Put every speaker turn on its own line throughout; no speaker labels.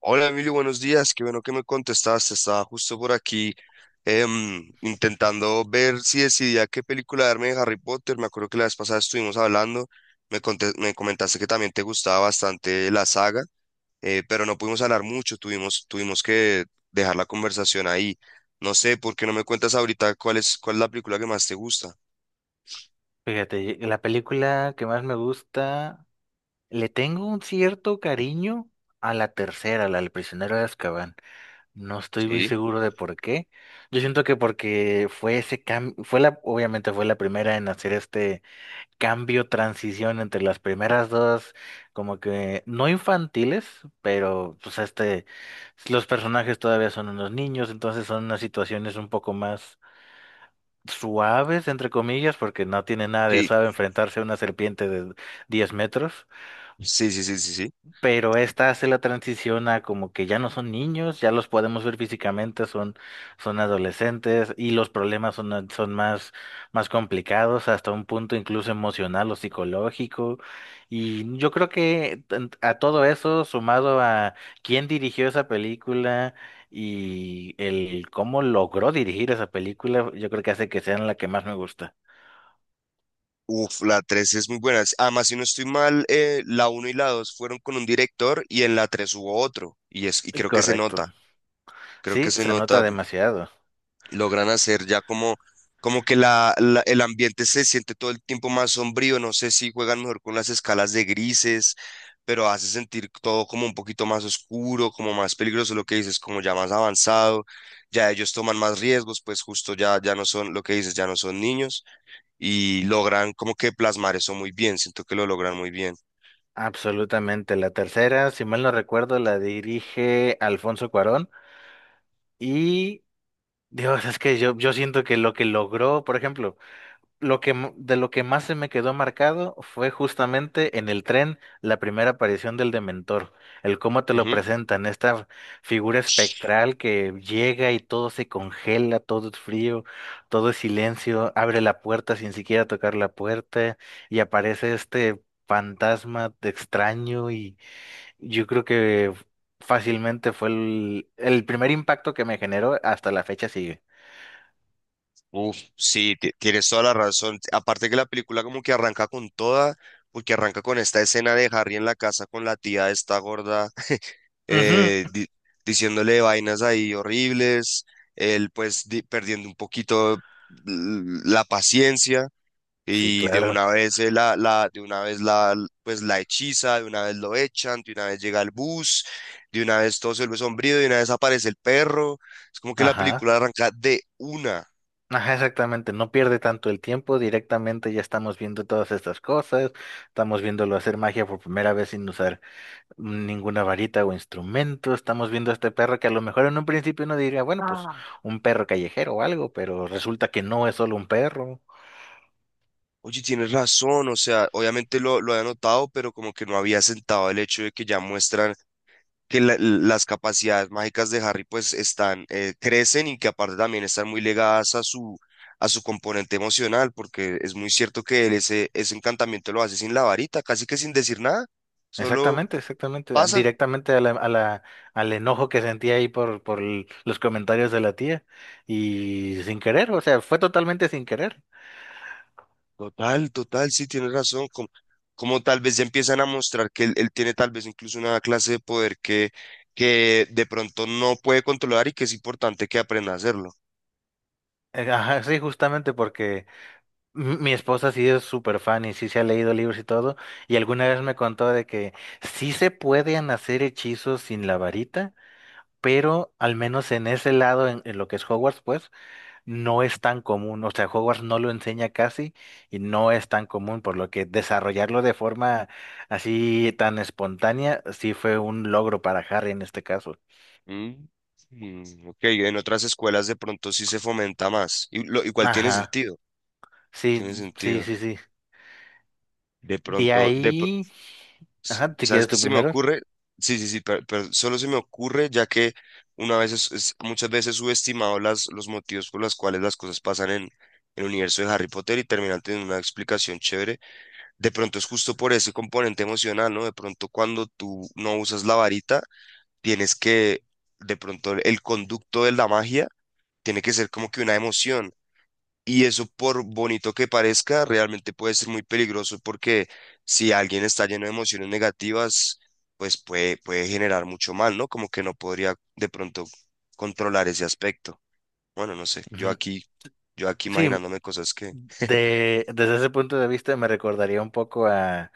Hola Emilio, buenos días. Qué bueno que me contestaste. Estaba justo por aquí intentando ver si decidía qué película darme de Harry Potter. Me acuerdo que la vez pasada estuvimos hablando. Me comentaste que también te gustaba bastante la saga, pero no pudimos hablar mucho. Tuvimos que dejar la conversación ahí. No sé, ¿por qué no me cuentas ahorita cuál es la película que más te gusta?
Fíjate, la película que más me gusta, le tengo un cierto cariño a la tercera, la del prisionero de Azkaban. No estoy muy
Sí,
seguro de por qué. Yo siento que porque fue ese cambio, fue obviamente fue la primera en hacer este cambio, transición entre las primeras dos, como que no infantiles, pero pues este, los personajes todavía son unos niños, entonces son unas situaciones un poco más suaves, entre comillas, porque no tiene nada de
sí.
suave enfrentarse a una serpiente de 10 metros,
Sí, sí, sí, sí, sí.
pero esta hace la transición a como que ya no son niños, ya los podemos ver físicamente, son adolescentes y los problemas son más complicados hasta un punto incluso emocional o psicológico. Y yo creo que a todo eso, sumado a quién dirigió esa película, y el cómo logró dirigir esa película, yo creo que hace que sean la que más me gusta.
Uf, la 3 es muy buena. Además, si no estoy mal, la uno y la 2 fueron con un director y en la 3 hubo otro. Y creo que se
Correcto.
nota, creo que
Sí,
se
se nota
nota.
demasiado.
Logran hacer ya como que el ambiente se siente todo el tiempo más sombrío. No sé si juegan mejor con las escalas de grises, pero hace sentir todo como un poquito más oscuro, como más peligroso, lo que dices, como ya más avanzado. Ya ellos toman más riesgos, pues justo ya no son, lo que dices, ya no son niños y logran como que plasmar eso muy bien, siento que lo logran muy bien.
Absolutamente. La tercera, si mal no recuerdo, la dirige Alfonso Cuarón y Dios, es que yo siento que lo que logró, por ejemplo, de lo que más se me quedó marcado fue justamente en el tren la primera aparición del Dementor, el cómo te lo
Ujú.
presentan, esta figura espectral que llega y todo se congela, todo es frío, todo es silencio, abre la puerta sin siquiera tocar la puerta y aparece este fantasma de extraño y yo creo que fácilmente fue el primer impacto que me generó, hasta la fecha sigue.
Uf, sí, tienes toda la razón. Aparte que la película como que arranca con toda, porque arranca con esta escena de Harry en la casa con la tía esta gorda,
Ujú.
eh, di- diciéndole vainas ahí horribles, él pues perdiendo un poquito la paciencia.
Sí,
Y de
claro.
una vez pues la hechiza, de una vez lo echan, de una vez llega el bus, de una vez todo se vuelve sombrío, de una vez aparece el perro. Es como que la
Ajá.
película arranca de una.
Ajá, exactamente, no pierde tanto el tiempo, directamente ya estamos viendo todas estas cosas, estamos viéndolo hacer magia por primera vez sin usar ninguna varita o instrumento, estamos viendo a este perro que a lo mejor en un principio uno diría, bueno, pues
Ah.
un perro callejero o algo, pero resulta que no es solo un perro.
Oye, tienes razón, o sea, obviamente lo había notado, pero como que no había sentado el hecho de que ya muestran que las capacidades mágicas de Harry pues están, crecen y que aparte también están muy ligadas a su componente emocional, porque es muy cierto que él ese encantamiento lo hace sin la varita, casi que sin decir nada, solo
Exactamente, exactamente,
pasa.
directamente a la, al enojo que sentía ahí por l- los comentarios de la tía y sin querer, o sea, fue totalmente sin querer.
Total, total, sí, tienes razón. Como tal vez ya empiezan a mostrar que él tiene tal vez incluso una clase de poder que de pronto no puede controlar y que es importante que aprenda a hacerlo.
Ajá, sí, justamente porque... Mi esposa sí es súper fan y sí se ha leído libros y todo, y alguna vez me contó de que sí se pueden hacer hechizos sin la varita, pero al menos en ese lado, en lo que es Hogwarts, pues no es tan común, o sea, Hogwarts no lo enseña casi y no es tan común, por lo que desarrollarlo de forma así tan espontánea sí fue un logro para Harry en este caso.
Mm, ok, en otras escuelas de pronto sí se fomenta más. Y igual tiene
Ajá,
sentido,
sí,
tiene
sí,
sentido.
sí, sí.
De
De
pronto,
ahí, ajá, si
¿sabes
quieres
qué
tú
se me
primero.
ocurre? Sí, sí, sí, pero, solo se me ocurre ya que una vez muchas veces subestimado las, los motivos por los cuales las cosas pasan en el universo de Harry Potter y terminan teniendo una explicación chévere. De pronto es justo por ese componente emocional, ¿no? De pronto cuando tú no usas la varita, tienes que, de pronto el conducto de la magia tiene que ser como que una emoción. Y eso, por bonito que parezca, realmente puede ser muy peligroso porque si alguien está lleno de emociones negativas, pues puede generar mucho mal, ¿no? Como que no podría de pronto controlar ese aspecto. Bueno, no sé, yo
Ujú.
aquí, yo aquí
Sí,
imaginándome cosas que.
De, desde ese punto de vista me recordaría un poco a,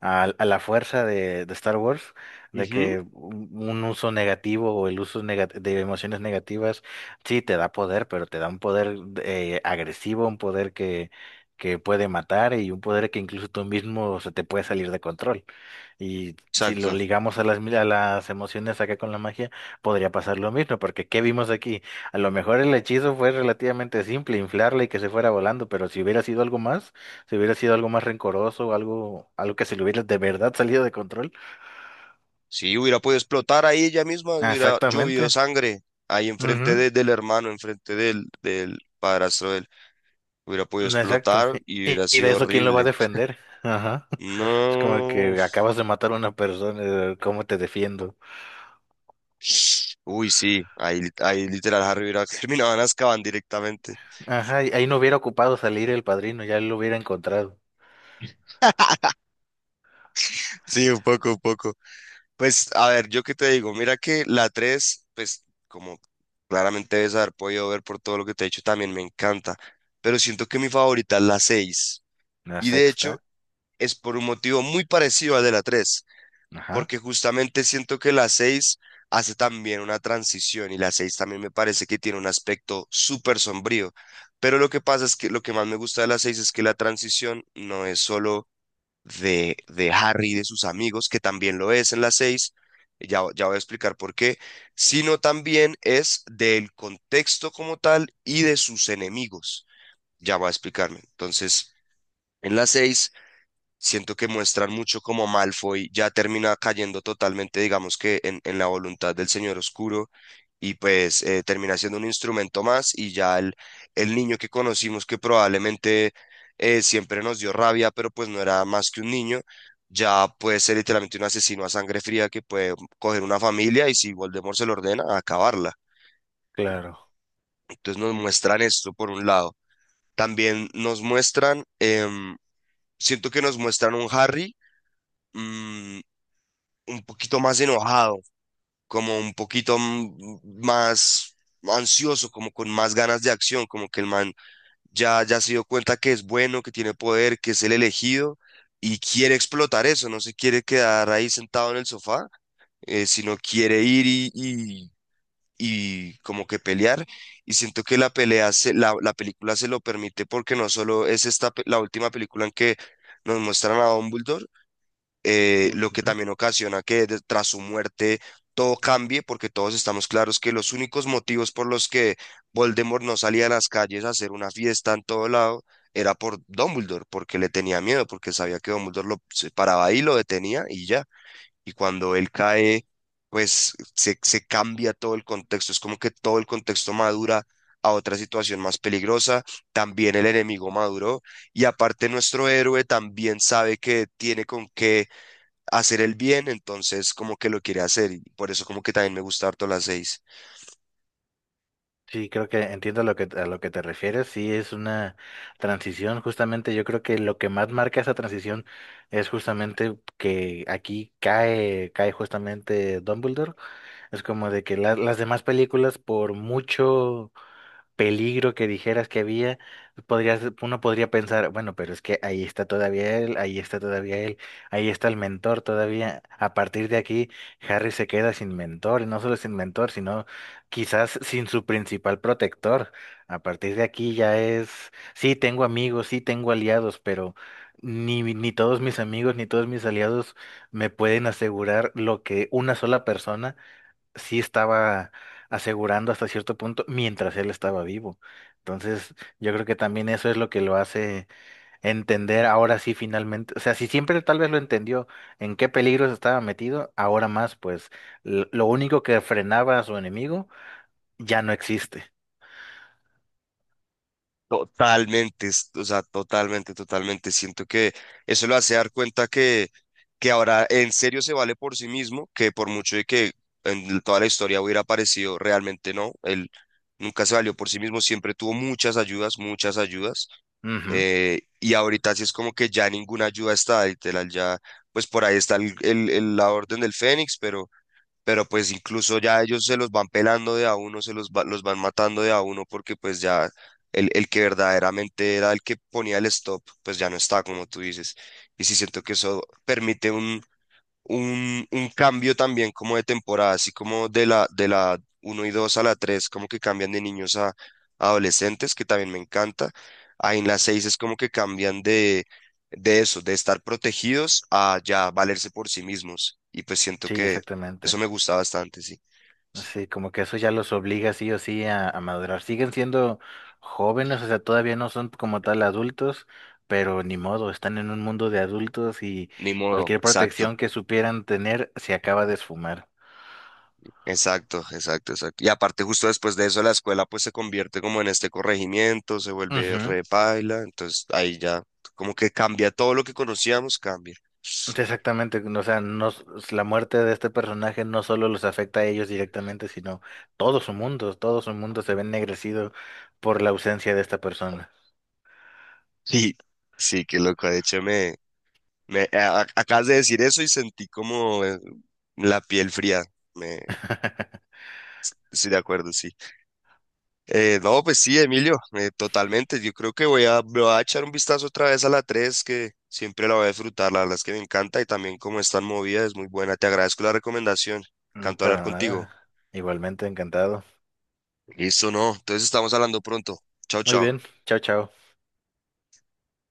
a la fuerza de Star Wars, de
Ujú.
que un uso negativo o el uso de emociones negativas sí te da poder, pero te da un poder agresivo, un poder que puede matar y un poder que incluso tú mismo se te puede salir de control. Y si lo
Exacto.
ligamos a a las emociones acá con la magia, podría pasar lo mismo, porque ¿qué vimos aquí? A lo mejor el hechizo fue relativamente simple, inflarla y que se fuera volando, pero si hubiera sido algo más, si hubiera sido algo más rencoroso, algo, algo que se le hubiera de verdad salido de control.
Sí, hubiera podido explotar ahí ella misma,
Ah,
hubiera llovido
exactamente.
sangre ahí enfrente
Ujú.
del hermano, enfrente del padrastro de él. Hubiera podido
No, exacto.
explotar y hubiera
Y de
sido
eso, ¿quién lo va a
horrible.
defender? Ajá. Es como
No.
que acabas de matar a una persona, ¿cómo te defiendo?
Uy, sí, ahí literal Harry Burak terminaban Azkaban directamente.
Ajá, y ahí no hubiera ocupado salir el padrino, ya lo hubiera encontrado.
Sí, un poco, un poco. Pues, a ver, yo qué te digo, mira que la 3, pues, como claramente debes haber podido ver por todo lo que te he dicho, también me encanta. Pero siento que mi favorita es la seis.
La
Y de
sexta.
hecho, es por un motivo muy parecido al de la tres,
Ajá,
porque justamente siento que la 6 hace también una transición y la 6 también me parece que tiene un aspecto súper sombrío. Pero lo que pasa es que lo que más me gusta de la 6 es que la transición no es solo de Harry y de sus amigos, que también lo es en la 6 ya voy a explicar por qué, sino también es del contexto como tal y de sus enemigos. Ya voy a explicarme. Entonces, en la 6 siento que muestran mucho como Malfoy ya termina cayendo totalmente, digamos que en la voluntad del Señor Oscuro y pues termina siendo un instrumento más y ya el niño que conocimos que probablemente siempre nos dio rabia, pero pues no era más que un niño, ya puede ser literalmente un asesino a sangre fría que puede coger una familia y si Voldemort se lo ordena, acabarla.
claro.
Entonces nos muestran esto por un lado. También nos muestran, siento que nos muestran un Harry mm, un poquito más enojado, como un poquito más ansioso, como con más ganas de acción, como que el man ya se dio cuenta que es bueno, que tiene poder, que es el elegido y quiere explotar eso, no se quiere quedar ahí sentado en el sofá, sino quiere ir y como que pelear. Y siento que la película se lo permite porque no solo es esta, la última película en que nos muestran a Dumbledore, lo que
Ujú.
también ocasiona que tras su muerte todo cambie, porque todos estamos claros que los únicos motivos por los que Voldemort no salía a las calles a hacer una fiesta en todo lado era por Dumbledore, porque le tenía miedo, porque sabía que Dumbledore lo se paraba ahí, lo detenía y ya. Y cuando él cae, pues se cambia todo el contexto, es como que todo el contexto madura a otra situación más peligrosa, también el enemigo maduró y aparte nuestro héroe también sabe que tiene con qué hacer el bien, entonces como que lo quiere hacer y por eso como que también me gusta harto las seis.
Sí, creo que entiendo lo a lo que te refieres. Sí, es una transición. Justamente yo creo que lo que más marca esa transición es justamente que aquí cae justamente Dumbledore. Es como de que las demás películas, por mucho peligro que dijeras que había, podrías, uno podría pensar, bueno, pero es que ahí está todavía él, ahí está todavía él, ahí está el mentor todavía. A partir de aquí, Harry se queda sin mentor, y no solo sin mentor, sino quizás sin su principal protector. A partir de aquí ya es, sí, tengo amigos, sí, tengo aliados, pero ni todos mis amigos, ni todos mis aliados me pueden asegurar lo que una sola persona sí estaba asegurando hasta cierto punto mientras él estaba vivo. Entonces, yo creo que también eso es lo que lo hace entender ahora sí finalmente, o sea, si siempre tal vez lo entendió en qué peligros estaba metido, ahora más, pues lo único que frenaba a su enemigo ya no existe.
Totalmente, o sea, totalmente, totalmente. Siento que eso lo hace dar cuenta que ahora en serio se vale por sí mismo, que por mucho de que en toda la historia hubiera aparecido, realmente no, él nunca se valió por sí mismo, siempre tuvo muchas ayudas, muchas ayudas.
Ujú,
Y ahorita sí es como que ya ninguna ayuda está, literal, ya, pues por ahí está la Orden del Fénix, pero pues incluso ya ellos se los van pelando de a uno, los van matando de a uno porque pues ya el que verdaderamente era el que ponía el stop, pues ya no está, como tú dices. Y sí siento que eso permite un cambio también como de temporada, así como de la uno y 2 a la 3 como que cambian de niños a adolescentes, que también me encanta. Ahí en la 6 es como que cambian de eso, de estar protegidos a ya valerse por sí mismos. Y pues siento
sí,
que eso
exactamente.
me gusta bastante, sí.
Sí, como que eso ya los obliga sí o sí a madurar. Siguen siendo jóvenes, o sea, todavía no son como tal adultos, pero ni modo, están en un mundo de adultos y
Ni modo,
cualquier
exacto.
protección que supieran tener se acaba de esfumar.
Exacto, exacto, exacto. Y aparte, justo después de eso, la escuela pues se convierte como en este corregimiento, se vuelve
Ujú,
re paila, entonces ahí ya como que cambia todo lo que conocíamos, cambia.
exactamente, o sea, no, la muerte de este personaje no solo los afecta a ellos directamente, sino todo su mundo se ve ennegrecido por la ausencia de esta persona.
Sí, sí, qué loco. De hecho, me acabas de decir eso y sentí como la piel fría. Me, Estoy de acuerdo, sí. No, pues sí, Emilio, totalmente. Yo creo que me voy a echar un vistazo otra vez a la 3 que siempre la voy a disfrutar. La verdad es que me encanta y también como es tan movida, es muy buena. Te agradezco la recomendación.
Mm,
Canto hablar
para
contigo.
nada. Igualmente encantado.
Listo, no. Entonces estamos hablando pronto. Chao,
Muy
chao.
bien, chao, chao.